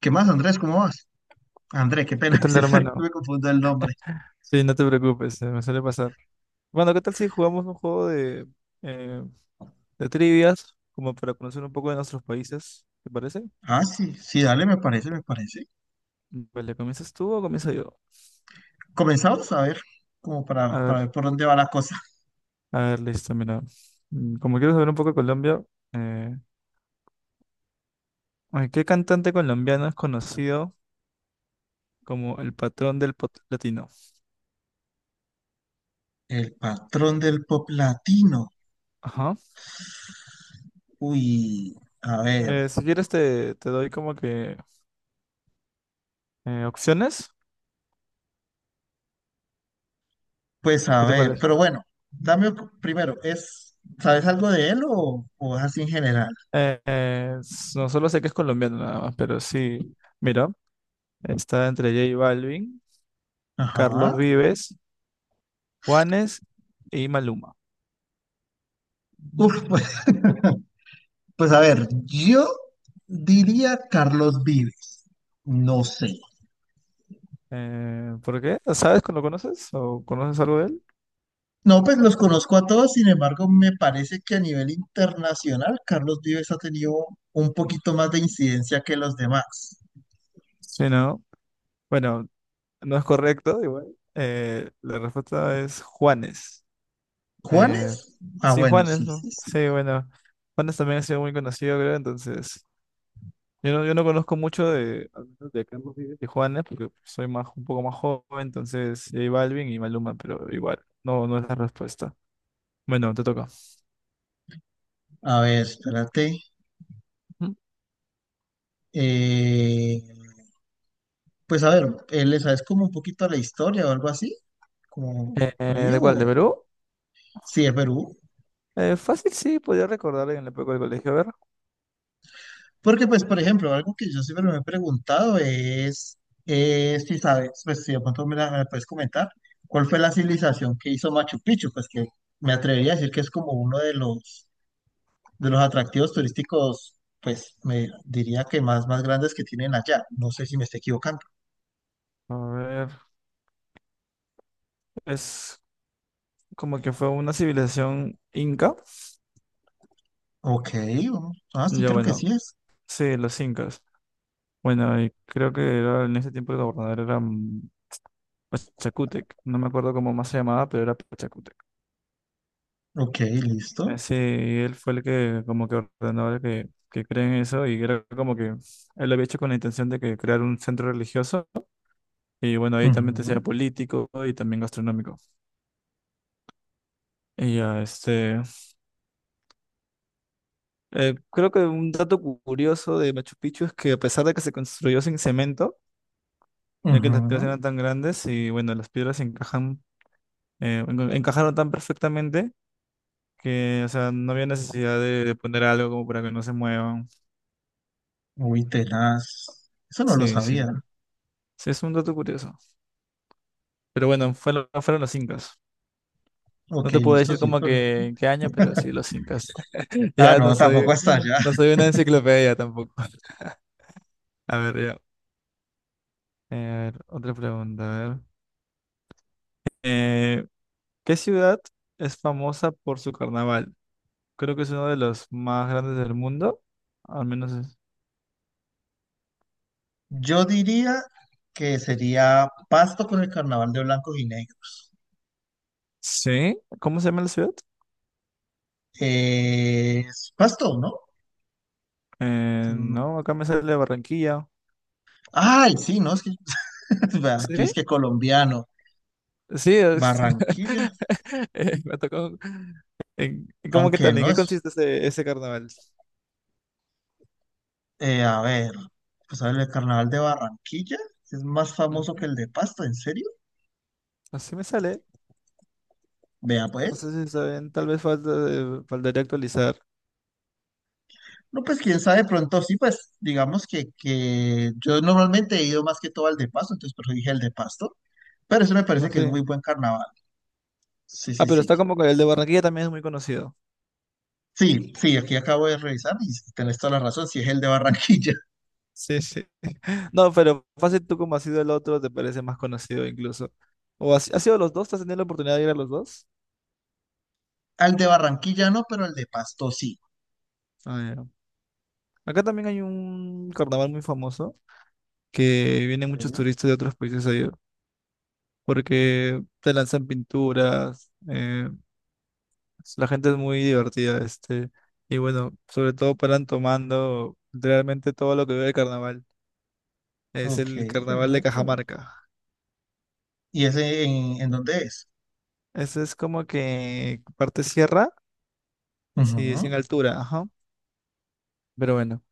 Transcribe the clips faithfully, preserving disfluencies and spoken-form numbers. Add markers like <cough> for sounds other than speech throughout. ¿Qué más, Andrés? ¿Cómo vas? Andrés, qué ¿Qué pena, <laughs> tal, siempre hermano? me confundo el nombre. Sí, no te preocupes, eh, me suele pasar. Bueno, ¿qué tal si jugamos un juego de, eh, de trivias, como para conocer un poco de nuestros países? ¿Te parece? Ah, sí, sí, dale, me parece, me parece. Vale, ¿comienzas tú o comienzo yo? Comenzamos a ver, como A para, para ver, ver por dónde va la cosa. a ver, listo, mira. Mm, Como quiero saber un poco de Colombia, eh, ay, ¿qué cantante colombiano es conocido como el patrón del pop latino? El patrón del pop latino. Ajá. Uy, a ver, Eh, si quieres te, te doy como que eh, opciones. pues a ¿Qué te ver, parece? pero bueno, dame primero, ¿es, sabes algo de él o, o es así en general? Eh, eh, s- no solo sé que es colombiano nada más, pero sí. Mira. Está entre J Balvin, Ajá. Carlos Vives, Juanes y Maluma. Uf, pues, pues a ver, yo diría Carlos Vives. No sé. Eh, ¿por qué? ¿Sabes? Cuando. ¿Lo conoces? ¿O conoces algo de él? No, pues los conozco a todos, sin embargo, me parece que a nivel internacional Carlos Vives ha tenido un poquito más de incidencia que los demás. Sí, no. Bueno, no es correcto, igual. Eh, la respuesta es Juanes. Eh, ¿Juanes? Ah, sí, bueno, Juanes, sí, ¿no? sí, sí. Sí, bueno. Juanes también ha sido muy conocido, creo, entonces. Yo no, yo no conozco mucho de, al menos de Carlos Vives y Juanes, porque soy más, un poco más joven, entonces J Balvin y Maluma, pero igual, no, no es la respuesta. Bueno, te toca. A ver, espérate. ¿Mm? Eh, pues a ver, eh, ¿le sabes como un poquito a la historia o algo así? ¿Como Eh, por eh, ¿de ello? cuál? ¿De Perú? Sí, de Perú. Eh, fácil, sí, podía recordar en la época del colegio. A ver, Porque, pues, por ejemplo, algo que yo siempre me he preguntado es, es si sabes, pues, si de pronto me la, me la puedes comentar, ¿cuál fue la civilización que hizo Machu Picchu? Pues que me atrevería a decir que es como uno de los, de los atractivos turísticos, pues, me diría que más, más grandes que tienen allá. No sé si me estoy equivocando. a ver, es como que fue una civilización inca. Ok, vamos- ah, sí, Ya creo que sí bueno, es. sí, los incas. Bueno, y creo que era, en ese tiempo el gobernador era mm, Pachacútec. No me acuerdo cómo más se llamaba, pero era Pachacútec. Ok, listo. Eh, sí, y él fue el que como que ordenó a que, que creen eso y era como que él lo había hecho con la intención de que crear un centro religioso y bueno, ahí también te Ujú, sea político y también gastronómico. Y ya, este. Eh, creo que un dato cu- curioso de Machu Picchu es que a pesar de que se construyó sin cemento, ya que las piedras ujú. eran tan grandes y bueno, las piedras encajan, eh, enca- encajaron tan perfectamente que, o sea, no había necesidad de, de poner algo como para que no se muevan. Uy, tenaz. Eso no lo Sí, sí. sabía. Sí, es un dato curioso. Pero bueno, fueron, fueron los incas. No Ok, te puedo listo, decir sí, como pero... que en qué año, pero sí, los incas. <laughs> Ah, Ya no, no tampoco soy, hasta allá. no soy una enciclopedia tampoco. <laughs> A ver, ya. Eh, a ver, otra pregunta, a ver. Eh, ¿Qué ciudad es famosa por su carnaval? Creo que es uno de los más grandes del mundo. Al menos es- Yo diría que sería Pasto con el carnaval de blancos y negros. ¿sí? ¿Cómo se llama la ciudad? Eh, es Pasto, ¿no? Eh, Mm, no, acá me sale Barranquilla. ay, sí, no, es que <laughs> vea, yo es ¿Sí? que colombiano, Sí, es- Barranquilla, <laughs> eh, me tocó. en- ¿Cómo que aunque tal? ¿En no qué es, consiste ese, ese carnaval? eh, a ver, pues a ver, el carnaval de Barranquilla es más famoso que Ujú. el de Pasto, ¿en serio? Así me sale. Vea, No pues. sé si saben, tal vez falta, de- faltaría actualizar. No, pues quién sabe, pronto sí, pues digamos que, que yo normalmente he ido más que todo al de Pasto, entonces por eso dije el de Pasto, pero eso me No parece que es sé. muy buen carnaval. Sí, Ah, sí, pero está sí. como que el de Barranquilla también es muy conocido. Sí, sí, aquí acabo de revisar y tenés toda la razón, si es el de Barranquilla. <laughs> Sí, sí. <laughs> No, pero fácil tú como has sido el otro, te parece más conocido incluso. ¿O has, has sido los dos? ¿Te has tenido la oportunidad de ir a los dos? Al de Barranquilla no, pero el de Pasto sí. Ah, ya. Acá también hay un carnaval muy famoso que vienen muchos Sí. turistas de otros países ahí, porque te lanzan pinturas, eh, la gente es muy divertida, este, y bueno, sobre todo paran tomando realmente todo lo que ve el carnaval. Es Ok, el carnaval de perfecto. Cajamarca. ¿Y ese en, en dónde es? Ese es como que parte sierra, sí, es Ujú. en altura, ajá. Pero bueno,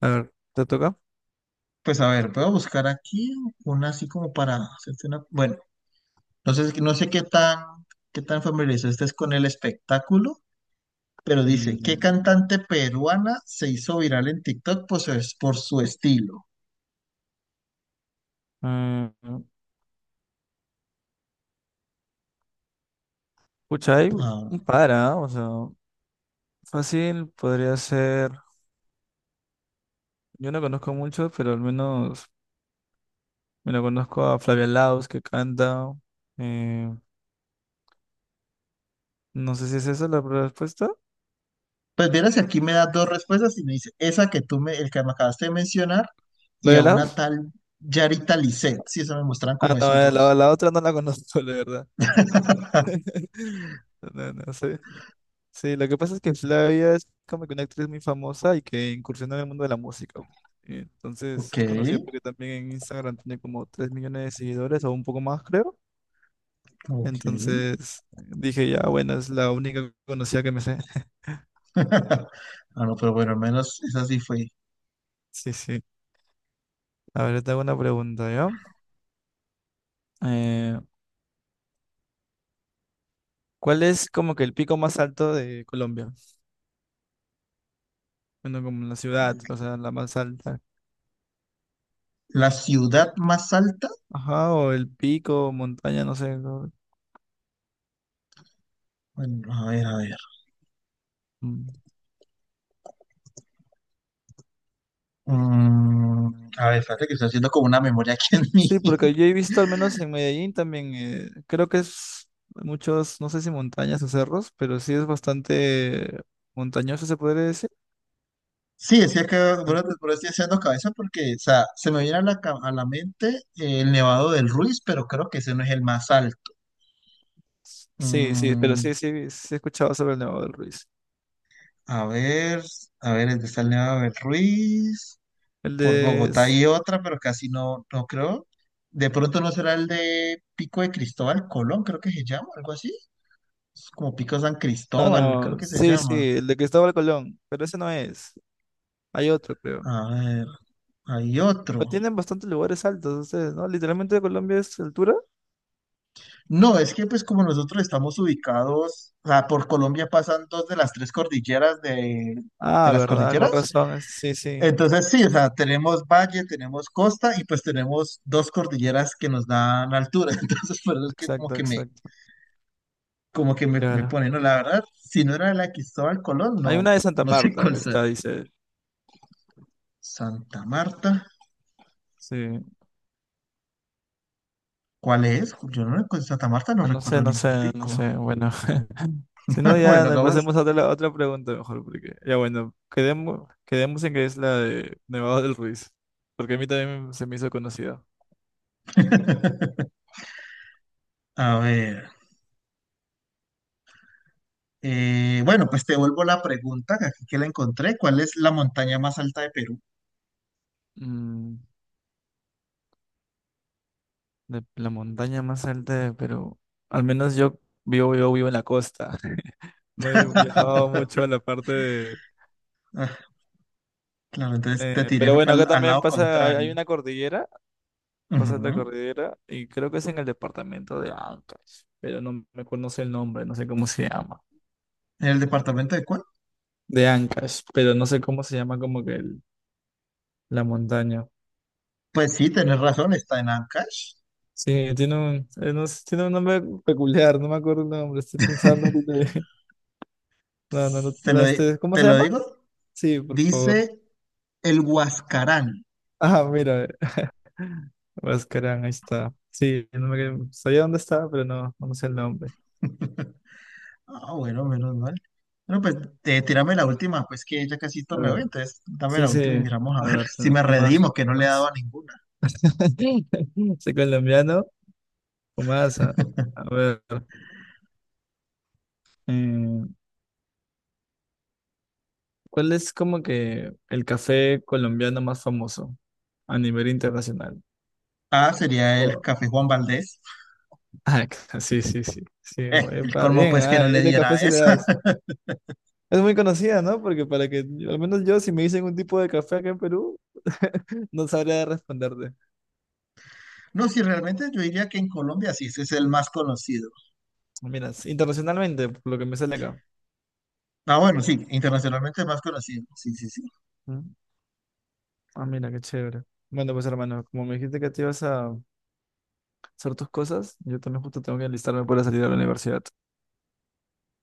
a ver, ¿te toca? Pues a ver, puedo buscar aquí una así como para hacerte una... Bueno, no sé, no sé qué tan, qué tan familiarizado estés con el espectáculo, pero dice, ¿qué Mm, cantante peruana se hizo viral en TikTok por su, por su estilo? eh, pucha, hay Ah. un par, ¿ah? O sea, fácil podría ser. Yo no conozco mucho, pero al menos me lo conozco a Flavia Laos que canta. eh, no sé si es esa la respuesta. Pues vieras que aquí me da dos respuestas y me dice, esa que tú me, el que me acabaste de mencionar, y a ¿Flavia una Laos? tal Yarita Lisset. Sí, eso me muestran Ah, como no, esos eh, la, dos. la otra no la conozco, <laughs> la verdad. <laughs> No, no sé. Sí, lo que pasa es que Flavia es como que una actriz muy famosa y que incursionó en el mundo de la música. Eh, Entonces Ok, es conocida porque también en Instagram tiene como tres millones de seguidores o un poco más, creo. ok. Entonces dije, ya, bueno, es la única conocida que me sé. <laughs> <laughs> Ah, no, pero bueno, al menos esa sí fue. Sí, sí. A ver, te hago una pregunta, ¿ya? Eh, ¿cuál es como que el pico más alto de Colombia? Bueno, como la ciudad, o sea, la más alta. La ciudad más alta. Ajá, o el pico, montaña, no sé, ¿no? Bueno, a ver, a ver. Mm. Mm, a ver, espérate que estoy haciendo como una memoria aquí en mí. Sí, porque <laughs> yo he visto al menos en Medellín también, eh, creo que es muchos, no sé si montañas o cerros, pero sí es bastante montañoso, se podría decir. Sí, decía que An- bueno, te- pero estoy haciendo cabeza porque, o sea, se me viene a la, ca- a la mente eh, el Nevado del Ruiz, pero creo que ese no es el más alto. Sí, sí, pero Mm, sí, sí, sí he escuchado sobre el Nevado del Ruiz. a ver, a ver, el de Stanley Abel Ruiz. El Por de. Bogotá s- hay otra, pero casi no, no creo. De pronto no será el de Pico de Cristóbal Colón, creo que se llama, algo así. Es como Pico San No, Cristóbal, creo no, que se sí, sí, llama. el de Cristóbal Colón, pero ese no es. Hay otro, creo. A ver, hay Pero otro. tienen bastantes lugares altos ustedes, ¿no? Literalmente Colombia es altura. No, es que pues como nosotros estamos ubicados, o sea, por Colombia pasan dos de las tres cordilleras de, de Ah, las verdad, con cordilleras. razón, es- sí, sí. Entonces sí, o sea, tenemos valle, tenemos costa y pues tenemos dos cordilleras que nos dan altura. <laughs> Entonces por eso es que como Exacto, que me, exacto. como que me, me Claro. pone, no, la verdad, si no era la de Cristóbal Colón, Hay no, una de Santa no sé Marta, cuál que sea. está, dice. Santa Marta, Sí. ¿cuál es? Yo no recuerdo, Santa Marta no Ah, no sé, recuerdo no ningún sé, no pico. sé. Bueno, <laughs> si no, <laughs> ya Bueno, nos acabas. pasemos a otra, a otra pregunta mejor, porque ya bueno, quedemos, quedemos en que es la de Nevado del Ruiz, porque a mí también se me hizo conocida. <laughs> A ver, eh, bueno, pues te vuelvo la pregunta, que aquí que la encontré, ¿cuál es la montaña más alta de Perú? Mm, de la montaña más alta de Perú. Al menos yo vivo, yo vivo en la costa. <laughs> No he <laughs> viajado mucho a la parte de. Ah, claro, entonces te eh, tiré Pero fue bueno, acá pa'l- al también lado pasa, hay, hay contrario. una cordillera, pasa la Ujú. cordillera, y creo que es en el departamento de Ancash, pero no me acuerdo, no sé el nombre, no sé cómo se llama. ¿En el departamento de cuál? De Ancash, pero no sé cómo se llama como que el- la montaña. Pues sí, tenés razón, está en Ancash. Sí, tiene un, eh, no sé, tiene un nombre peculiar, no me acuerdo el nombre, estoy pensando ahorita <laughs> de- <laughs> No, no, no, Te no, lo, di- este, ¿cómo te se lo llama? digo. Sí, por favor. Dice el Huascarán. Ah, mira, <laughs> Huascarán, ahí está. Sí, no me, sabía dónde estaba, pero no, no sé el nombre. Ah, bueno, menos mal. Bueno, pues eh, tírame la última, pues que ya casi esto A me ver, voy, entonces dame sí, la sí, última y miramos a a ver ver, <laughs> si tengo me una más. redimo, que no Una le he dado más. a ninguna. <laughs> Soy colombiano, o más, a, a ver. eh, ¿Cuál es como que el café colombiano más famoso a nivel internacional? Ah, sería el Oh. Café Juan Valdés. Ah, <laughs> sí, sí, sí, sí, Eh, muy el pa- colmo, bien, pues, que ah, no le y de diera café a sí le esa. das. <laughs> Es muy conocida, ¿no? Porque para que, al menos yo, si me dicen un tipo de café acá en Perú, <laughs> no sabría responderte. No, si realmente yo diría que en Colombia sí, ese es el más conocido. Mira, s- internacionalmente, por lo que me sale acá. Ah, bueno, sí, internacionalmente es más conocido. Sí, sí, sí. Mm. Ah, mira, qué chévere. Bueno, pues hermano, como me dijiste que te ibas a hacer tus cosas, yo también justo tengo que enlistarme para salir a la universidad.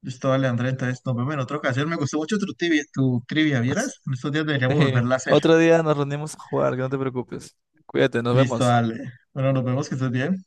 Listo, dale, Andrés, entonces nos vemos en otra ocasión. Me gustó mucho tu trivia, tu trivia, ¿vieras? En estos días <laughs> deberíamos Sí. volverla a hacer. Otro día nos reunimos a jugar, que no te preocupes. Cuídate, nos Listo, vemos. dale. Bueno, nos vemos, que estés bien.